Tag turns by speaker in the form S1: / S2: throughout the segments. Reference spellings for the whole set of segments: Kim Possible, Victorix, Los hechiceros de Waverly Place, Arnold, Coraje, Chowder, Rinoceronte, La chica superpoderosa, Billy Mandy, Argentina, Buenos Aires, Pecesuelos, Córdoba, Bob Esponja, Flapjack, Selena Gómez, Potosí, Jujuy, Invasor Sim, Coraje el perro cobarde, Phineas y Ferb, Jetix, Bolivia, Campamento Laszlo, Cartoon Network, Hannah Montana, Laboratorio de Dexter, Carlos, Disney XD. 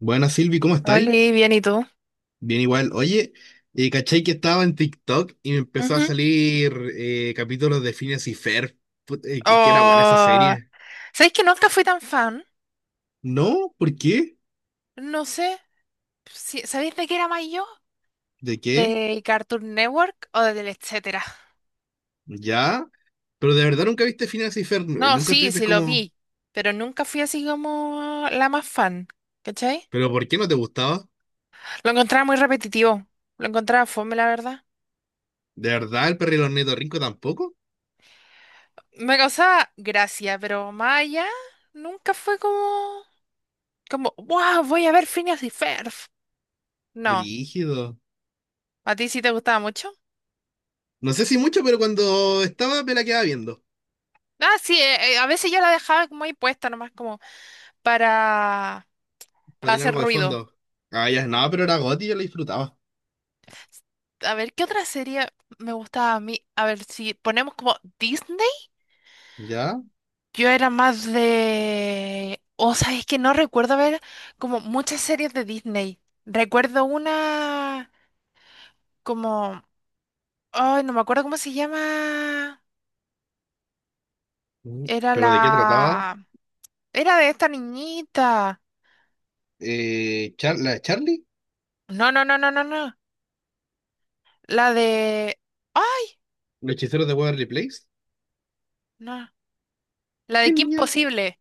S1: Buenas Silvi, ¿cómo estáis?
S2: Oli, bien, ¿y tú?
S1: Bien igual. Oye, ¿cachai que estaba en TikTok y me empezó a
S2: Ujú.
S1: salir capítulos de Phineas y Ferb? Que era buena esa
S2: Oh,
S1: serie.
S2: ¿sabéis que nunca fui tan fan?
S1: ¿No? ¿Por qué?
S2: No sé, si, ¿sabéis de qué era más yo?
S1: ¿De qué?
S2: ¿Del Cartoon Network o del etcétera?
S1: ¿Ya? Pero de verdad nunca viste Phineas y Ferb,
S2: No,
S1: nunca
S2: sí,
S1: estuviste
S2: sí lo
S1: como...
S2: vi, pero nunca fui así como la más fan, ¿cachai?
S1: ¿Pero por qué no te gustaba?
S2: Lo encontraba muy repetitivo, lo encontraba fome, la verdad.
S1: ¿De verdad el perro y Rico tampoco?
S2: Me causaba gracia, pero más allá, nunca fue como, wow, voy a ver Phineas y Ferb. No,
S1: Brígido.
S2: ¿a ti sí te gustaba mucho?
S1: No sé si mucho, pero cuando estaba me la quedaba viendo,
S2: Ah, sí, a veces yo la dejaba como ahí puesta, nomás como para,
S1: para
S2: para
S1: tener
S2: hacer
S1: algo de
S2: ruido.
S1: fondo. Ah, ya, no,
S2: Sí.
S1: pero era Gotti, yo la disfrutaba.
S2: A ver, ¿qué otra serie me gustaba a mí? A ver, si ponemos como Disney,
S1: ¿Ya?
S2: yo era más de... O sea, es que no recuerdo ver como muchas series de Disney. Recuerdo una como... Ay, no me acuerdo cómo se llama.
S1: Mm.
S2: Era
S1: ¿Pero de qué trataba?
S2: la... Era de esta niñita.
S1: ¿La de Charlie?
S2: No, no, no, no, no, no. La de... Ay,
S1: ¿Los hechiceros de Waverly Place?
S2: no. La
S1: ¿Qué
S2: de Kim
S1: niña?
S2: Possible.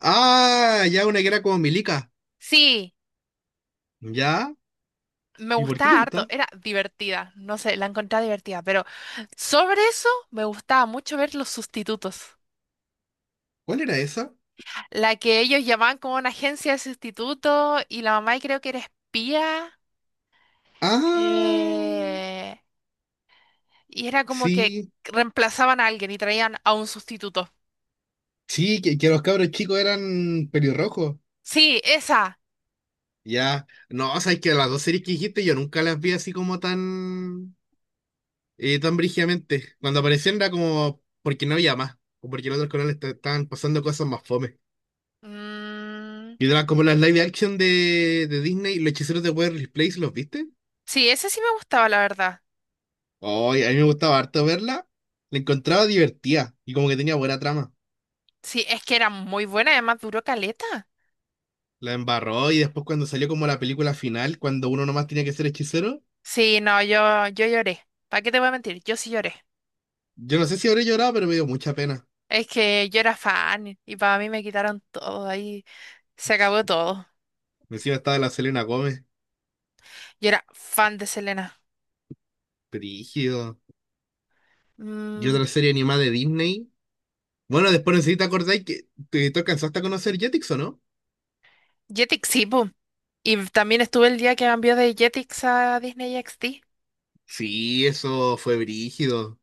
S1: Ah, ya una que era como Milica.
S2: Sí,
S1: ¿Ya?
S2: me
S1: ¿Y por qué te
S2: gustaba harto.
S1: gustaba?
S2: Era divertida. No sé, la encontré divertida. Pero sobre eso me gustaba mucho ver los sustitutos.
S1: ¿Cuál era esa?
S2: La que ellos llamaban como una agencia de sustitutos y la mamá creo que era espía.
S1: Ah,
S2: eh, y era como que
S1: sí.
S2: reemplazaban a alguien y traían a un sustituto.
S1: Sí, que los cabros chicos eran pelirrojos.
S2: Sí, esa.
S1: Ya. No, o sea, es que las dos series que dijiste yo nunca las vi así como tan... tan brígidamente. Cuando aparecían era como... Porque no había más. O porque en otros canales estaban pasando cosas más fome.
S2: Mm,
S1: Y era como las live action de Disney, los hechiceros de Waverly Place, ¿los viste?
S2: sí, esa sí me gustaba, la verdad.
S1: Oye, a mí me gustaba harto verla. La encontraba divertida y como que tenía buena trama.
S2: Sí, es que era muy buena, además duró caleta.
S1: La embarró y después cuando salió como la película final, cuando uno nomás tenía que ser hechicero,
S2: Sí, no, yo lloré. ¿Para qué te voy a mentir? Yo sí lloré.
S1: yo no sé si habré llorado, pero me dio mucha pena.
S2: Es que yo era fan y para mí me quitaron todo. Ahí se acabó todo.
S1: Encima estaba la Selena Gómez,
S2: Yo era fan de Selena.
S1: brígido. Y
S2: Mm,
S1: otra serie animada de Disney. Bueno, después necesito acordar que te alcanzaste a conocer Jetix, ¿o no?
S2: Jetix, sí, po. Y también estuve el día que cambió de Jetix a Disney XD.
S1: Sí, eso fue brígido.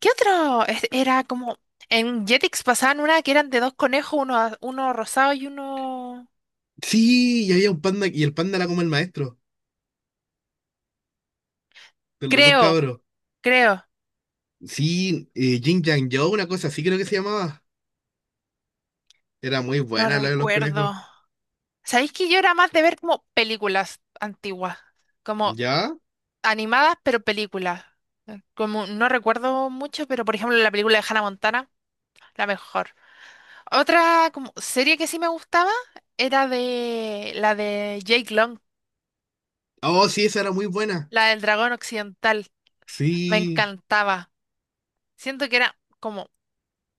S2: ¿Qué otro? Era como. En Jetix pasaban una que eran de dos conejos, uno, uno rosado y uno.
S1: Sí, y había un panda y el panda era como el maestro de los dos
S2: Creo,
S1: cabros.
S2: creo.
S1: Sí, Jin Yang Yo, una cosa así creo que se llamaba. Era muy
S2: No
S1: buena la de los
S2: recuerdo.
S1: conejos.
S2: ¿Sabéis que yo era más de ver como películas antiguas? Como.
S1: ¿Ya?
S2: Animadas, pero películas. Como no recuerdo mucho, pero por ejemplo la película de Hannah Montana, la mejor. Otra como serie que sí me gustaba era de la de Jake Long,
S1: Oh, sí, esa era muy buena.
S2: la del dragón occidental. Me
S1: Sí,
S2: encantaba. Siento que era como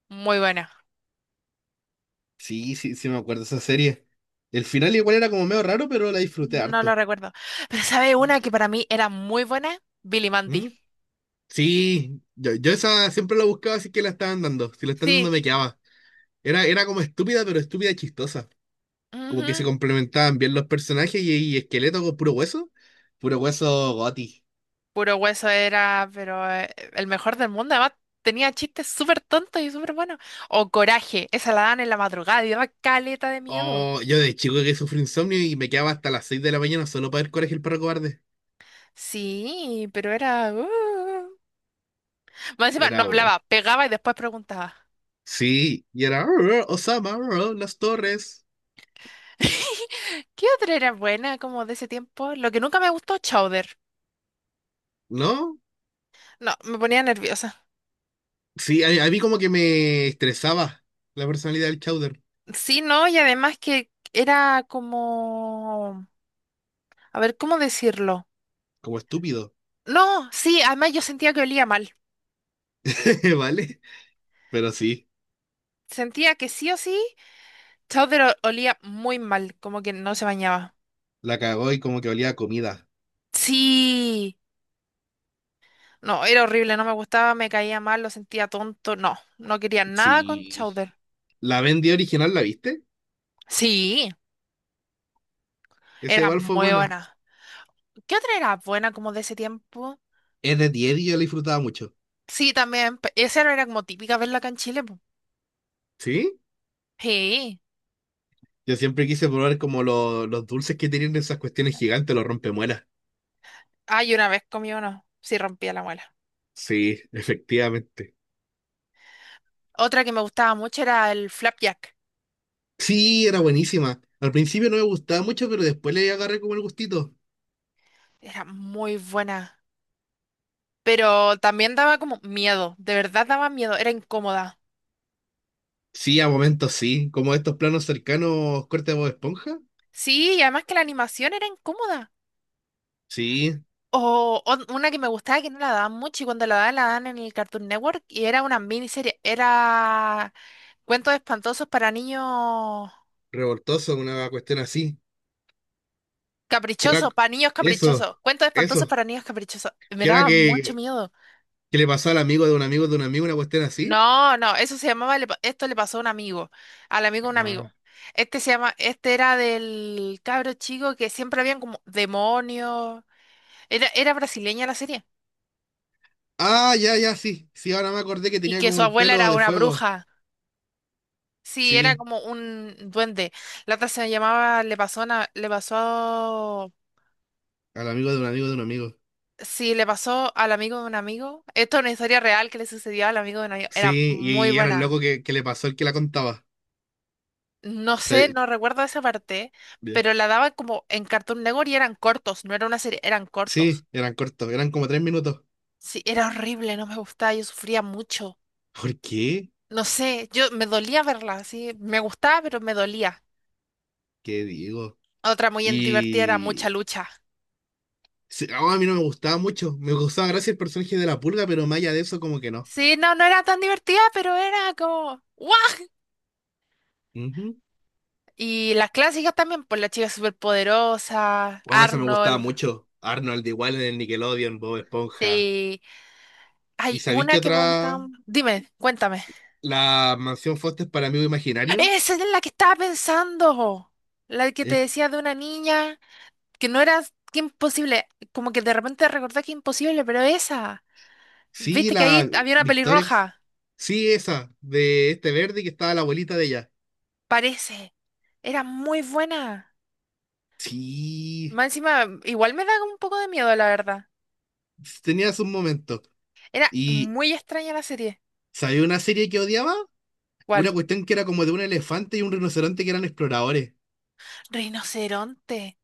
S2: muy buena.
S1: sí, sí, sí me acuerdo de esa serie. El final igual era como medio raro, pero la disfruté
S2: No lo
S1: harto.
S2: recuerdo. Pero ¿sabe una que para mí era muy buena? Billy Mandy.
S1: ¿Mm? Sí, yo esa siempre la buscaba, así que la estaban dando. Si la están
S2: Sí.
S1: dando me quedaba. Era como estúpida, pero estúpida y chistosa. Como que se
S2: Ujú.
S1: complementaban bien los personajes y esqueleto con puro hueso. Puro hueso goti.
S2: Puro hueso era, pero el mejor del mundo. Además, tenía chistes súper tontos y súper buenos. O Coraje, esa la dan en la madrugada y daba caleta de miedo.
S1: Oh, yo de chico que sufrí insomnio y me quedaba hasta las 6 de la mañana solo para ver Coraje el perro cobarde.
S2: Sí, pero era. Más encima, no
S1: Era bueno.
S2: hablaba, pegaba y después preguntaba.
S1: Sí, y era "Arr, Osama, arr, las torres,
S2: ¿Qué otra era buena como de ese tiempo? Lo que nunca me gustó, Chowder.
S1: ¿no?
S2: No, me ponía nerviosa.
S1: Sí, a mí como que me estresaba la personalidad del Chowder,
S2: Sí, no, y además que era como... A ver, ¿cómo decirlo?
S1: como estúpido,
S2: No, sí, además yo sentía que olía mal.
S1: ¿vale? Pero sí,
S2: Sentía que sí o sí. Chowder olía muy mal, como que no se bañaba.
S1: la cagó y como que olía a comida.
S2: Sí, no, era horrible, no me gustaba, me caía mal, lo sentía tonto. No, no quería nada con
S1: Sí,
S2: Chowder.
S1: la vendí original, ¿la viste?
S2: Sí,
S1: Ese
S2: era
S1: igual
S2: muy
S1: fue buena.
S2: buena. ¿Qué otra era buena como de ese tiempo?
S1: Es de 10 y yo la disfrutaba mucho.
S2: Sí, también, esa era como típica verla acá en Chile. Po.
S1: ¿Sí?
S2: Sí,
S1: Yo siempre quise probar como los dulces que tienen esas cuestiones gigantes, los rompemuelas.
S2: ay, una vez comí uno, sí rompía la muela.
S1: Sí, efectivamente.
S2: Otra que me gustaba mucho era el flapjack,
S1: Sí, era buenísima. Al principio no me gustaba mucho, pero después le agarré como el gustito.
S2: era muy buena, pero también daba como miedo, de verdad daba miedo, era incómoda.
S1: Sí, a momentos sí, como estos planos cercanos corte de Bob Esponja.
S2: Sí, y además que la animación era incómoda.
S1: Sí,
S2: O una que me gustaba que no la daban mucho y cuando la daban en el Cartoon Network y era una miniserie, era cuentos espantosos
S1: revoltoso, una cuestión así. Que era-
S2: para niños
S1: eso,
S2: caprichosos, cuentos espantosos
S1: eso.
S2: para niños caprichosos. Me
S1: Que era
S2: daba mucho
S1: que,
S2: miedo.
S1: que le pasó al amigo de un amigo de un amigo una cuestión así.
S2: No, no, eso se llamaba, esto le pasó a un amigo, al amigo de un
S1: Ajá.
S2: amigo. Este se llama, este era del cabro chico que siempre habían como demonios. Era brasileña la serie
S1: Ah, ya, ya, sí. Sí, ahora me acordé que
S2: y
S1: tenía
S2: que su
S1: como el
S2: abuela
S1: pelo
S2: era
S1: de
S2: una
S1: fuego.
S2: bruja. Sí, era
S1: Sí,
S2: como un duende. La otra se llamaba, le pasó,
S1: al amigo de un amigo de un amigo.
S2: sí, le pasó al amigo de un amigo. Esto es una historia real que le sucedió al amigo de un amigo. Era
S1: Sí,
S2: muy
S1: y, era el
S2: buena.
S1: loco que le pasó el que la contaba.
S2: No sé,
S1: Sí,
S2: no recuerdo esa parte,
S1: bien.
S2: pero la daba como en Cartoon Network y eran cortos, no era una serie, eran cortos.
S1: Sí, eran cortos, eran como 3 minutos.
S2: Sí, era horrible, no me gustaba, yo sufría mucho.
S1: ¿Por qué?
S2: No sé, yo me dolía verla, sí, me gustaba, pero me dolía.
S1: ¿Qué digo?
S2: Otra muy divertida era Mucha
S1: Y,
S2: Lucha.
S1: sí, oh, a mí no me gustaba mucho. Me gustaba gracias el personaje de la pulga, pero más allá de eso, como que no.
S2: Sí, no, no era tan divertida, pero era como, ¿what?
S1: Ujú.
S2: Y las clásicas también, pues la chica superpoderosa,
S1: Oh, eso me gustaba
S2: Arnold,
S1: mucho. Arnold igual en el Nickelodeon, Bob Esponja.
S2: sí.
S1: ¿Y
S2: Hay
S1: sabéis qué
S2: una que me gustaba.
S1: otra?
S2: Dime, cuéntame.
S1: La mansión Foster para amigo imaginario.
S2: Esa es la que estaba pensando. La que te
S1: Eh,
S2: decía de una niña que no era que imposible. Como que de repente recordé que imposible, pero esa.
S1: sí,
S2: Viste que ahí
S1: la
S2: había una
S1: Victorix.
S2: pelirroja.
S1: Sí, esa, de este verde que estaba la abuelita de ella.
S2: Parece. Era muy buena.
S1: Sí,
S2: Más encima, igual me da un poco de miedo, la verdad.
S1: tenía sus momentos.
S2: Era
S1: ¿Y
S2: muy extraña la serie.
S1: sabía una serie que odiaba?
S2: ¿Cuál?
S1: Una cuestión que era como de un elefante y un rinoceronte que eran exploradores,
S2: Rinoceronte.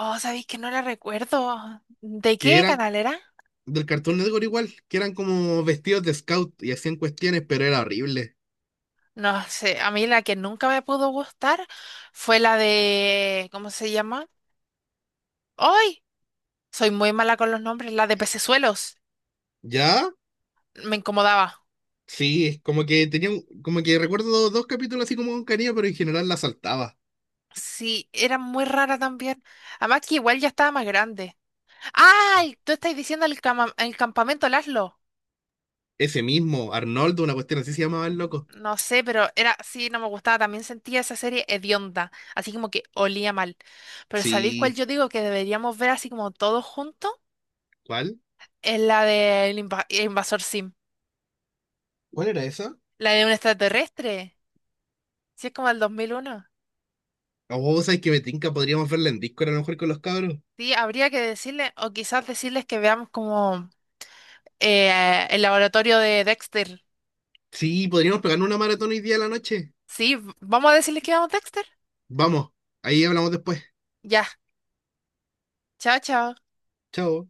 S2: Oh, sabéis que no la recuerdo. ¿De
S1: que
S2: qué
S1: eran
S2: canal era?
S1: del Cartoon Network igual, que eran como vestidos de scout y hacían cuestiones, pero era horrible.
S2: No sé, a mí la que nunca me pudo gustar fue la de... ¿Cómo se llama? ¡Ay! Soy muy mala con los nombres, la de Pecesuelos.
S1: ¿Ya?
S2: Me incomodaba.
S1: Sí, como que tenía, como que recuerdo dos capítulos así como con cariño, pero en general la saltaba.
S2: Sí, era muy rara también. Además que igual ya estaba más grande. ¡Ay! Tú estás diciendo el, el campamento Laszlo.
S1: Ese mismo, Arnoldo, una cuestión así se llamaba el loco.
S2: No sé, pero era... Sí, no me gustaba. También sentía esa serie hedionda. Así como que olía mal. Pero ¿sabéis cuál
S1: Sí,
S2: yo digo que deberíamos ver así como todos juntos?
S1: ¿cuál?
S2: Es la del invasor Sim.
S1: ¿Cuál era esa?
S2: La de un extraterrestre. Si es como el 2001.
S1: Oh, ¿sabes que me tinca? Podríamos verla en Discord a lo mejor con los cabros.
S2: Sí, habría que decirle, o quizás decirles que veamos como el laboratorio de Dexter.
S1: Sí, podríamos pegarnos una maratón hoy día a la noche.
S2: Sí, vamos a decirles que veamos Dexter.
S1: Vamos, ahí hablamos después.
S2: Ya, chao, chao.
S1: Chao.